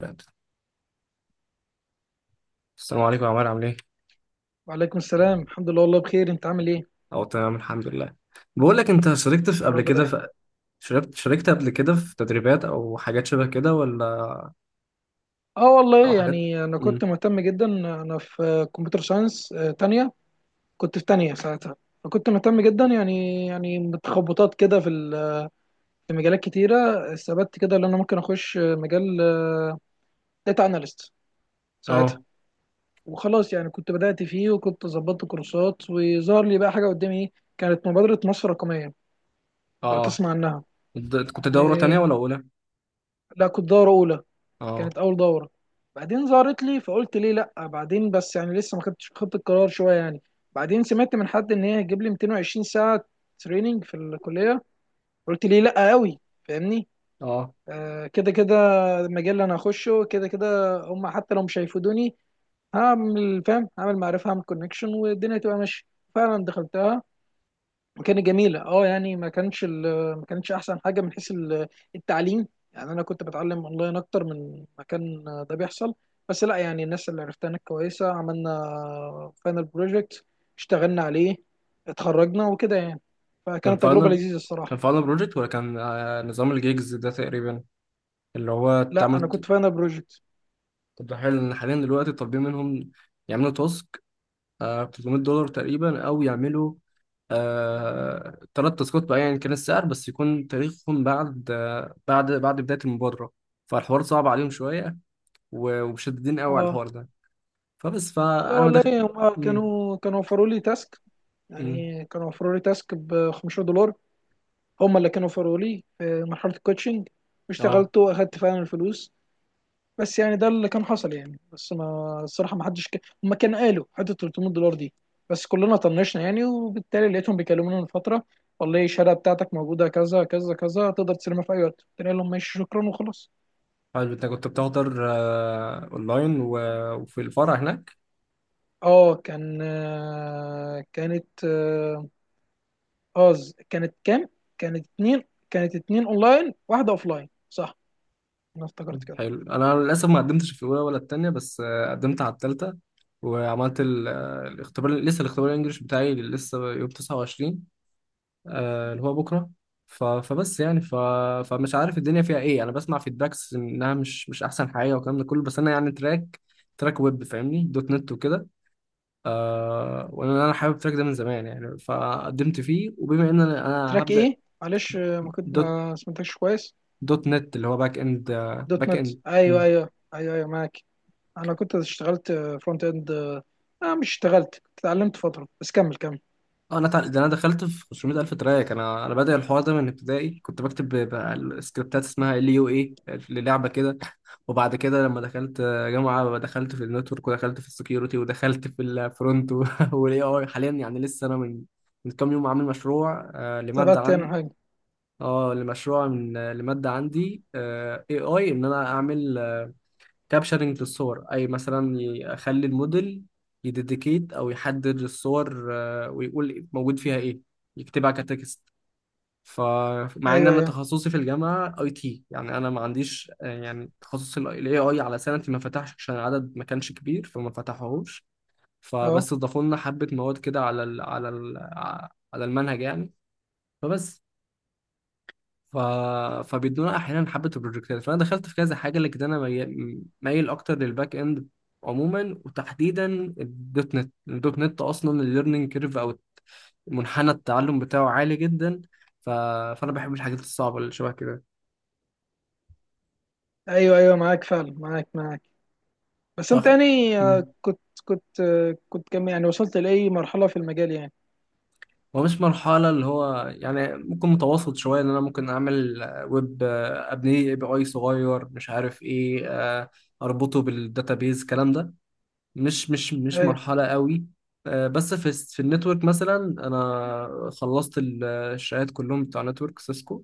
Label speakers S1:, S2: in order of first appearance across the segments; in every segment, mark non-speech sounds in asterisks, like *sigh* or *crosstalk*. S1: بجد. السلام عليكم يا عمار، عامل ايه؟
S2: وعليكم السلام، الحمد لله والله بخير. انت عامل ايه؟
S1: اه، تمام الحمد لله. بقول لك، انت شاركت
S2: يا
S1: قبل
S2: رب
S1: كده
S2: دايما.
S1: في، شاركت قبل كده في تدريبات او حاجات شبه كده، ولا
S2: اه
S1: او
S2: والله
S1: حاجات؟
S2: يعني انا كنت
S1: امم
S2: مهتم جدا. انا في كمبيوتر ساينس تانية. كنت في تانية ساعتها. فكنت مهتم جدا يعني، متخبطات كده في مجالات كتيرة. استبدت كده ان انا ممكن اخش مجال داتا اناليست ساعتها.
S1: اه،
S2: وخلاص يعني كنت بدأت فيه، وكنت ظبطت كورسات، وظهر لي بقى حاجة قدامي ايه. كانت مبادرة مصر الرقمية،
S1: اه
S2: لو
S1: اه.
S2: تسمع عنها.
S1: كنت
S2: و...
S1: دورة تانية ولا اولى؟
S2: لا، كنت دورة أولى.
S1: اه
S2: كانت اول دوره. بعدين ظهرت لي فقلت ليه لا، بعدين بس يعني لسه ما خدتش، خدت القرار شويه يعني. بعدين سمعت من حد ان هي هتجيب لي 220 ساعه تريننج في الكليه. قلت ليه لا قوي، فاهمني.
S1: اه.
S2: آه، كده كده المجال اللي انا هخشه كده كده هم، حتى لو مش هيفيدوني هعمل فاهم، هعمل معرفه، هعمل كونكشن، والدنيا تبقى ماشيه. فعلا دخلتها، كانت جميله. اه يعني ما كانش ال- ما كانتش احسن حاجه من حيث التعليم. يعني انا كنت بتعلم اونلاين اكتر من ما كان ده بيحصل. بس لا يعني الناس اللي عرفتها هناك كويسه، عملنا فاينل بروجكت، اشتغلنا عليه، اتخرجنا وكده يعني.
S1: كان
S2: فكانت تجربه
S1: فاينل،
S2: لذيذه الصراحه.
S1: كان فاينل بروجكت، ولا كان نظام الجيجز ده تقريبا، اللي هو
S2: لا، انا
S1: تعمل؟
S2: كنت فاينل بروجكت.
S1: طب ده حلو ان حاليا دلوقتي طالبين منهم يعملوا 300 دولار تقريبا، او يعملوا ثلاث تاسكات بقى. يعني كان السعر بس يكون تاريخهم بعد بعد بداية المبادرة، فالحوار صعب عليهم شوية، ومشددين قوي على
S2: اه
S1: الحوار ده.
S2: لا
S1: فأنا ما
S2: والله
S1: دخل.
S2: هم
S1: مم،
S2: كانوا وفروا لي تاسك.
S1: مم،
S2: يعني كانوا وفروا لي تاسك ب 15$. هم اللي كانوا وفروا لي في مرحله الكوتشنج،
S1: اه.
S2: واشتغلت واخدت فعلا الفلوس. بس يعني ده اللي كان حصل يعني. بس ما الصراحه، ما حدش هم كانوا قالوا حته 300$ دي، بس كلنا طنشنا يعني. وبالتالي لقيتهم بيكلمونا من فتره: والله الشهاده بتاعتك موجوده كذا كذا كذا، تقدر تسلمها في اي وقت. قلت لهم ماشي شكرا، وخلاص.
S1: حلو، انت كنت بتحضر اونلاين وفي الفرع هناك؟
S2: اه، آه، كانت كام؟ كانت اتنين. كانت اتنين اونلاين، واحده اوفلاين، صح. انا افتكرت كده.
S1: حلو، انا للاسف ما قدمتش في الاولى ولا التانية، بس قدمت على التالتة، وعملت الاختبار، لسه الاختبار الانجليش بتاعي لسه يوم 29، اللي هو بكره. ف... فبس يعني ف... فمش عارف الدنيا فيها ايه، انا بسمع فيدباكس انها مش احسن حاجه، والكلام ده كله، بس انا يعني تراك ويب، فاهمني، دوت نت وكده. آه، وانا حابب التراك ده من زمان يعني، فقدمت فيه، وبما ان أنا
S2: تراك
S1: هبدا.
S2: ايه معلش، ما كنت،
S1: دوت
S2: ما سمعتكش كويس.
S1: دوت نت، اللي هو باك اند،
S2: دوت
S1: باك
S2: نت،
S1: اند.
S2: ايوه ايوه ايوه ايوه، معاك. انا كنت اشتغلت فرونت اند. اه، مش اشتغلت، كنت اتعلمت فتره بس. كمل كمل.
S1: اه، انا تع... ده انا دخلت في 500,000 تراك. انا بادئ الحوار ده من ابتدائي، كنت بكتب بقى السكريبتات، اسمها ال يو اي للعبه كده *laughs* وبعد كده لما دخلت جامعه، دخلت في النتورك، ودخلت في السكيورتي، ودخلت في الفرونت والاي اي *laughs* حاليا يعني لسه انا من من كام يوم عامل مشروع لماده
S2: ثبت يعني
S1: عندي.
S2: حاجه.
S1: اه، لمشروع من، لماده عندي اي اي، ان انا اعمل كابشرنج للصور. اي مثلا يخلي الموديل يديديكيت او يحدد الصور، ويقول موجود فيها ايه، يكتبها كتكست. فمع ان
S2: ايوه
S1: انا
S2: ايوه.
S1: تخصصي في الجامعه اي تي، يعني انا ما عنديش، يعني تخصص الاي اي على سنتي ما فتحش، عشان العدد ما كانش كبير فما فتحوهوش.
S2: اه،
S1: اضافوا لنا حبه مواد كده على على المنهج يعني. فبس ف... فبيدونا احيانا حبه البروجكتات، فانا دخلت في كذا حاجه، لكن انا مايل اكتر للباك اند عموما، وتحديدا الدوت نت اصلا الليرنينج كيرف، او منحنى التعلم بتاعه عالي جدا. ف... فانا بحب الحاجات الصعبه اللي شبه كده.
S2: ايوه ايوه معاك فعلا، معاك معاك. بس انت
S1: أخ...
S2: يعني،
S1: مم.
S2: كنت كم يعني، وصلت لاي مرحله في المجال يعني؟
S1: هو مش مرحله، اللي هو يعني ممكن متوسط شويه، ان انا ممكن اعمل، ويب، ابني اي بي اي صغير، مش عارف ايه، اربطه بالداتابيز الكلام ده. مش
S2: ايوه
S1: مرحلة قوي. آه، بس في النتورك مثلا، انا خلصت الشهادات كلهم بتوع نتورك سيسكو،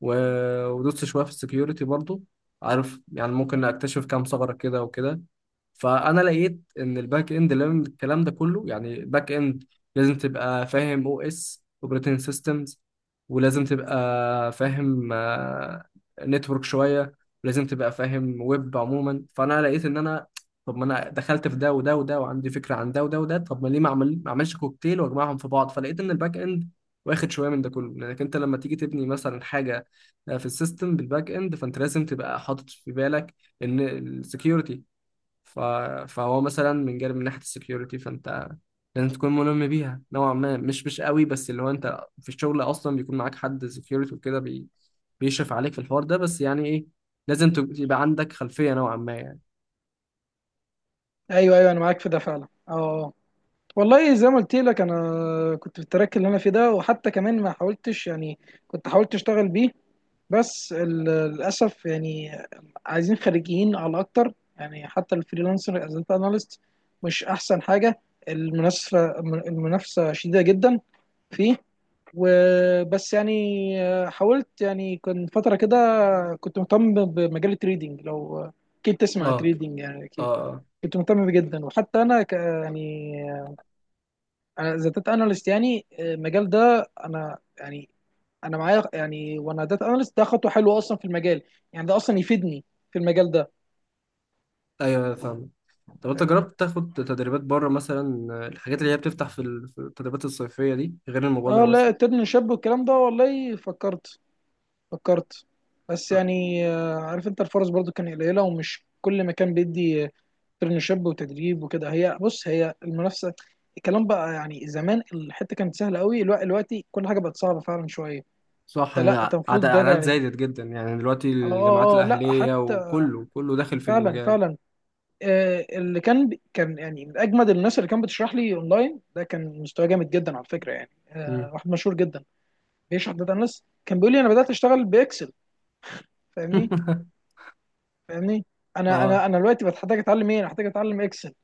S1: ودوست شوية في السكيورتي برضو. عارف يعني ممكن أكتشف كام ثغرة كده وكده. فأنا لقيت إن الباك إند لازم الكلام ده كله، يعني الباك إند لازم تبقى فاهم أو إس، أوبريتنج سيستمز، ولازم تبقى فاهم نتورك شوية، ولازم تبقى فاهم ويب عموما. فأنا لقيت إن طب ما أنا دخلت في ده وده وده، وعندي فكرة عن ده وده وده، طب ما ليه ما أعملش كوكتيل وأجمعهم في بعض. فلقيت إن الباك إند واخد شوية من ده كله، لأنك أنت لما تيجي تبني مثلا حاجة، في السيستم بالباك اند، فانت لازم تبقى حاطط في بالك ان السكيورتي. ف... فهو مثلا من جانب من ناحيه السكيورتي، فانت لازم تكون ملم بيها نوعا ما، مش قوي، بس اللي هو انت في الشغل اصلا بيكون معاك حد سكيورتي وكده بيشرف عليك في الحوار ده، بس يعني ايه، يبقى عندك خلفيه نوعا ما يعني.
S2: ايوه ايوه، انا معاك في ده فعلا، اه أه. والله زي ما قلت لك، انا كنت في التراك اللي انا فيه ده، وحتى كمان ما حاولتش يعني. كنت حاولت اشتغل بيه، بس ال- للاسف يعني عايزين خريجين على اكتر يعني. حتى الفريلانسر از داتا اناليست مش احسن حاجه. المنافسه، المنافسه شديده جدا فيه، وبس يعني. حاولت يعني، كان فتره كده كنت مهتم بمجال التريدينج. لو اكيد تسمع
S1: اه
S2: تريدينج يعني،
S1: اه
S2: اكيد.
S1: اه.
S2: كنت مهتم بيه جدا، وحتى انا يعني انا از داتا اناليست يعني، المجال ده انا يعني انا معايا يعني. وانا داتا اناليست، ده خطوه حلوه اصلا في المجال. يعني ده اصلا يفيدني في المجال ده،
S1: ايوه فاهم. طب انت
S2: فاهمني.
S1: جربت تاخد تدريبات بره مثلا؟ الحاجات اللي هي بتفتح في التدريبات الصيفيه دي، غير
S2: اه
S1: المبادره
S2: لا،
S1: مثلا.
S2: ترن شاب والكلام ده، والله فكرت، فكرت. بس يعني، عارف انت الفرص برضو كان قليله، ومش كل مكان بيدي ترن شاب وتدريب وكده. هي بص، هي المنافسه، الكلام بقى يعني. زمان الحته كانت سهله قوي، الوقت دلوقتي كل حاجه بقت صعبه فعلا شويه.
S1: صح،
S2: انت لا انت
S1: أنا
S2: المفروض ده ده
S1: اعداد
S2: يعني.
S1: زادت جدا يعني دلوقتي،
S2: اه
S1: الجامعات
S2: اه، لا
S1: الاهليه
S2: حتى،
S1: وكله كله داخل في
S2: فعلا
S1: المجال.
S2: فعلا. آه، اللي كان كان يعني من اجمد الناس اللي كان بتشرح لي اونلاين ده، كان مستواه جامد جدا على فكره يعني.
S1: مم.
S2: آه، واحد مشهور جدا بيشرح داتا اناليست كان بيقول لي: انا بدات اشتغل باكسل، فاهمني.
S1: *laughs*
S2: فاهمني. انا
S1: اه،
S2: انا انا دلوقتي بتحتاج اتعلم ايه؟ انا محتاج اتعلم اكسل،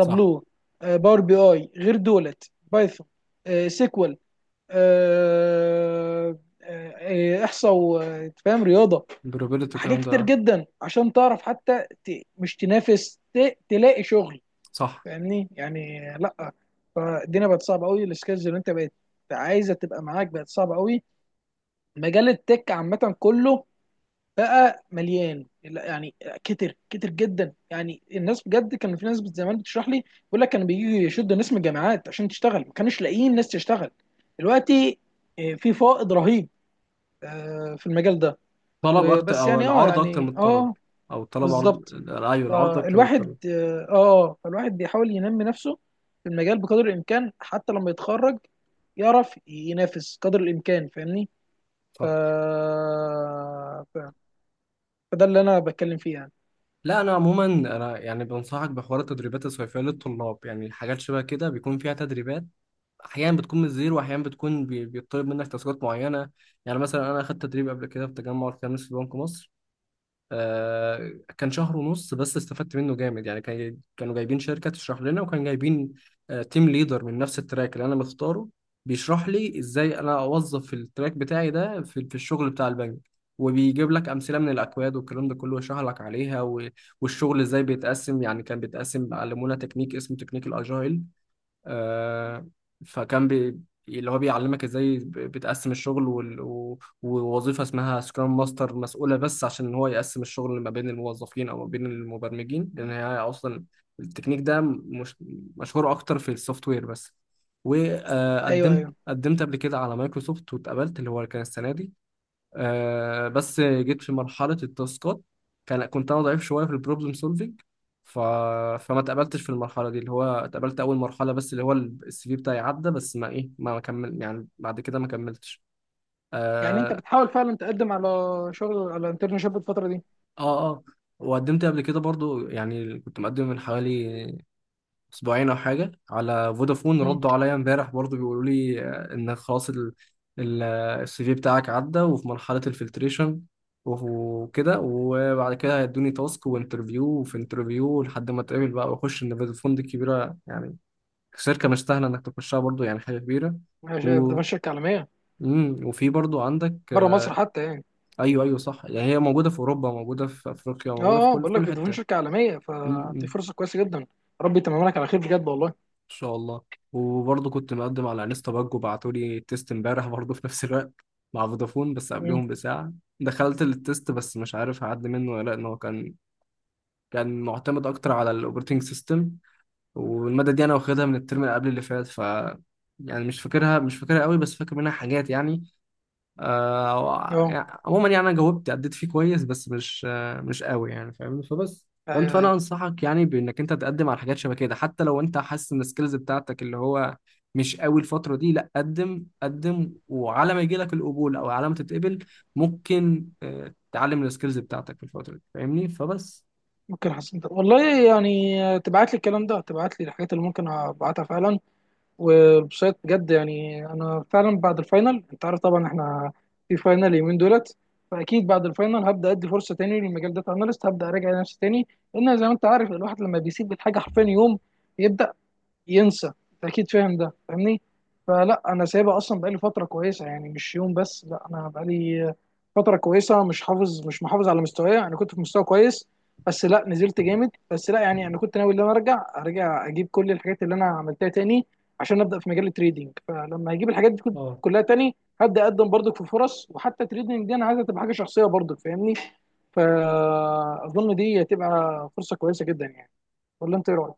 S1: صح.
S2: باور بي اي غير دولت، بايثون، سيكوال، آه، آه، احصاء، وفاهم رياضه.
S1: بروبابيلتي
S2: حاجات
S1: الكلام ده،
S2: كتير
S1: آه.
S2: جدا عشان تعرف حتى مش تنافس، تلاقي شغل،
S1: صح.
S2: فاهمني يعني، لا. فالدنيا بقت صعبه قوي، السكيلز اللي انت بقت عايزه تبقى معاك بقت صعبه قوي. مجال التك عامه كله بقى مليان، لا يعني كتر كتر جدا يعني الناس. بجد كان في ناس زمان بتشرح لي بيقول لك كانوا بييجوا يشدوا ناس من الجامعات عشان تشتغل، ما كانوش لاقيين ناس تشتغل. دلوقتي في فائض رهيب في المجال ده،
S1: طلب اكتر،
S2: وبس
S1: او
S2: يعني اه
S1: العرض اكتر من
S2: يعني
S1: الطلب،
S2: اه.
S1: او الطلب عرض.
S2: بالظبط.
S1: ايوه، العرض اكتر من الطلب.
S2: فالواحد اه آه، فالواحد بيحاول ينمي نفسه في المجال بقدر الامكان، حتى لما يتخرج يعرف ينافس قدر الامكان، فاهمني. ف...
S1: صح.
S2: ف... فده اللي انا بتكلم فيه يعني.
S1: لا انا عموما انا يعني بنصحك بحوار التدريبات الصيفيه للطلاب، يعني الحاجات شبه كده بيكون فيها تدريبات، احيانا بتكون من الزيرو، واحيانا بتكون بيطلب منك تاسكات معينه. يعني مثلا انا اخدت تدريب قبل كده في تجمع الخامس في بنك مصر، آه، كان شهر ونص بس استفدت منه جامد يعني. كان، كانوا جايبين شركة تشرح لنا، وكان جايبين، تيم ليدر من نفس التراك اللي أنا مختاره، بيشرح لي إزاي أنا أوظف التراك بتاعي ده في الشغل بتاع البنك، وبيجيب لك أمثلة من الأكواد والكلام ده كله، ويشرح لك عليها، والشغل إزاي بيتقسم، يعني كان بيتقسم، علمونا تكنيك اسمه تكنيك الأجايل، آه، فكان بي اللي هو بيعلمك ازاي بتقسم الشغل، ووظيفة اسمها سكرام ماستر، مسؤولة بس عشان هو يقسم الشغل ما بين الموظفين او ما بين المبرمجين، لان هي اصلا التكنيك ده مش مشهور اكتر في السوفت وير بس.
S2: ايوه
S1: وقدمت
S2: ايوه،
S1: قدمت قبل كده على مايكروسوفت واتقبلت، اللي هو كان السنة دي، آه، بس جيت في مرحلة التاسكات، كنت أنا ضعيف شوية في البروبلم سولفينج. ف... فما اتقبلتش في المرحلة دي، اللي هو اتقبلت أول مرحلة بس، اللي هو السي في بتاعي عدى، بس ما إيه، ما كمل يعني، بعد كده ما كملتش.
S2: يعني انت
S1: آه
S2: بتحاول فعلا تقدم على شغل، على انترنشيب الفتره دي.
S1: آه. وقدمت قبل كده برضو، يعني كنت مقدم من حوالي اسبوعين او حاجه على فودافون،
S2: مم.
S1: ردوا عليا امبارح برضو بيقولوا لي، آه، ان خلاص السي في بتاعك عدى وفي مرحله الفلتريشن وكده، وبعد كده هيدوني تاسك وانترفيو، وفي انترفيو لحد ما اتقابل بقى واخش. ان فودافون دي كبيره يعني، شركه مش سهله انك تخشها برضو، يعني حاجه كبيره.
S2: في
S1: و
S2: دفعه شركه عالميه،
S1: مم. وفي برضو عندك،
S2: بره
S1: آه،
S2: مصر حتى يعني.
S1: ايوه ايوه صح، يعني هي موجوده في اوروبا، موجوده في افريقيا، موجوده في
S2: اه اه،
S1: كل، في
S2: بقول لك
S1: كل
S2: في دفعه
S1: حته.
S2: شركه عالميه، فدي
S1: مم.
S2: فرصه كويسه جدا. ربي يتمم لك على خير بجد والله.
S1: ان شاء الله. وبرضه كنت مقدم على انستا باج، وبعتوا لي التيست امبارح برضه، في نفس الوقت مع فودافون بس
S2: مم.
S1: قبلهم بساعة. دخلت التيست، بس مش عارف هعدي منه ولا لا، ان هو كان، كان معتمد اكتر على الاوبريتنج سيستم، والمادة دي انا واخدها من الترم اللي قبل اللي فات، ف مش فاكرها قوي، بس فاكر منها حاجات يعني. آه،
S2: اه
S1: يعني عموما يعني، انا جاوبت اديت فيه كويس، بس مش قوي يعني، فاهمني. فبس فانت
S2: ايوه
S1: فانا
S2: ايوه،
S1: انصحك يعني، بانك انت تقدم على حاجات شبه كده، حتى لو انت حاسس ان السكيلز بتاعتك اللي هو مش قوي الفتره دي، لا، قدم قدم، وعلى ما يجي لك القبول، او على ما تتقبل، ممكن تعلم السكيلز بتاعتك في الفتره دي، فاهمني.
S2: ممكن حسنت والله، يعني تبعت لي الكلام ده، تبعت لي الحاجات اللي ممكن ابعتها فعلا. والبسيط بجد، يعني انا فعلا بعد الفاينل، انت عارف طبعا احنا في فاينل اليومين دولت. فاكيد بعد الفاينل هبدا ادي فرصه تاني للمجال داتا اناليست، هبدا اراجع نفسي تاني. لان زي ما انت عارف، الواحد لما بيسيب الحاجه حرفيا يوم، يبدا ينسى، انت اكيد فاهم ده، فاهمني. فلا، انا سايبها اصلا بقالي فتره كويسه، يعني مش يوم بس. لا، انا بقالي فتره كويسه مش محافظ على مستواي. انا كنت في مستوى كويس بس لا، نزلت جامد. بس لا يعني، انا كنت ناوي ان انا ارجع، ارجع اجيب كل الحاجات اللي انا عملتها تاني، عشان ابدا في مجال التريدينج. فلما اجيب الحاجات دي
S1: اه،
S2: كلها تاني، هبدا اقدم برضك في فرص. وحتى التريدينج دي انا عايزها تبقى حاجه شخصيه برضك، فاهمني. فاظن دي هتبقى فرصه كويسه جدا يعني، ولا انت ايه رايك؟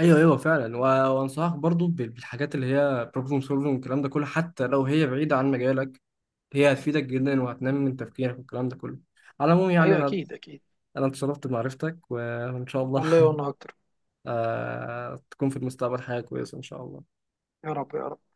S1: ايوه ايوه فعلا. وانصحك برضو بالحاجات اللي هي بروبلم سولفنج والكلام ده كله، حتى لو هي بعيده عن مجالك، هي هتفيدك جدا، وهتنمي من تفكيرك والكلام ده كله. على العموم يعني،
S2: ايوه اكيد اكيد.
S1: انا اتشرفت بمعرفتك، وان شاء الله
S2: والله
S1: *laughs*
S2: وانا اكتر.
S1: تكون في المستقبل حاجه كويسه ان شاء الله.
S2: يا رب يا رب.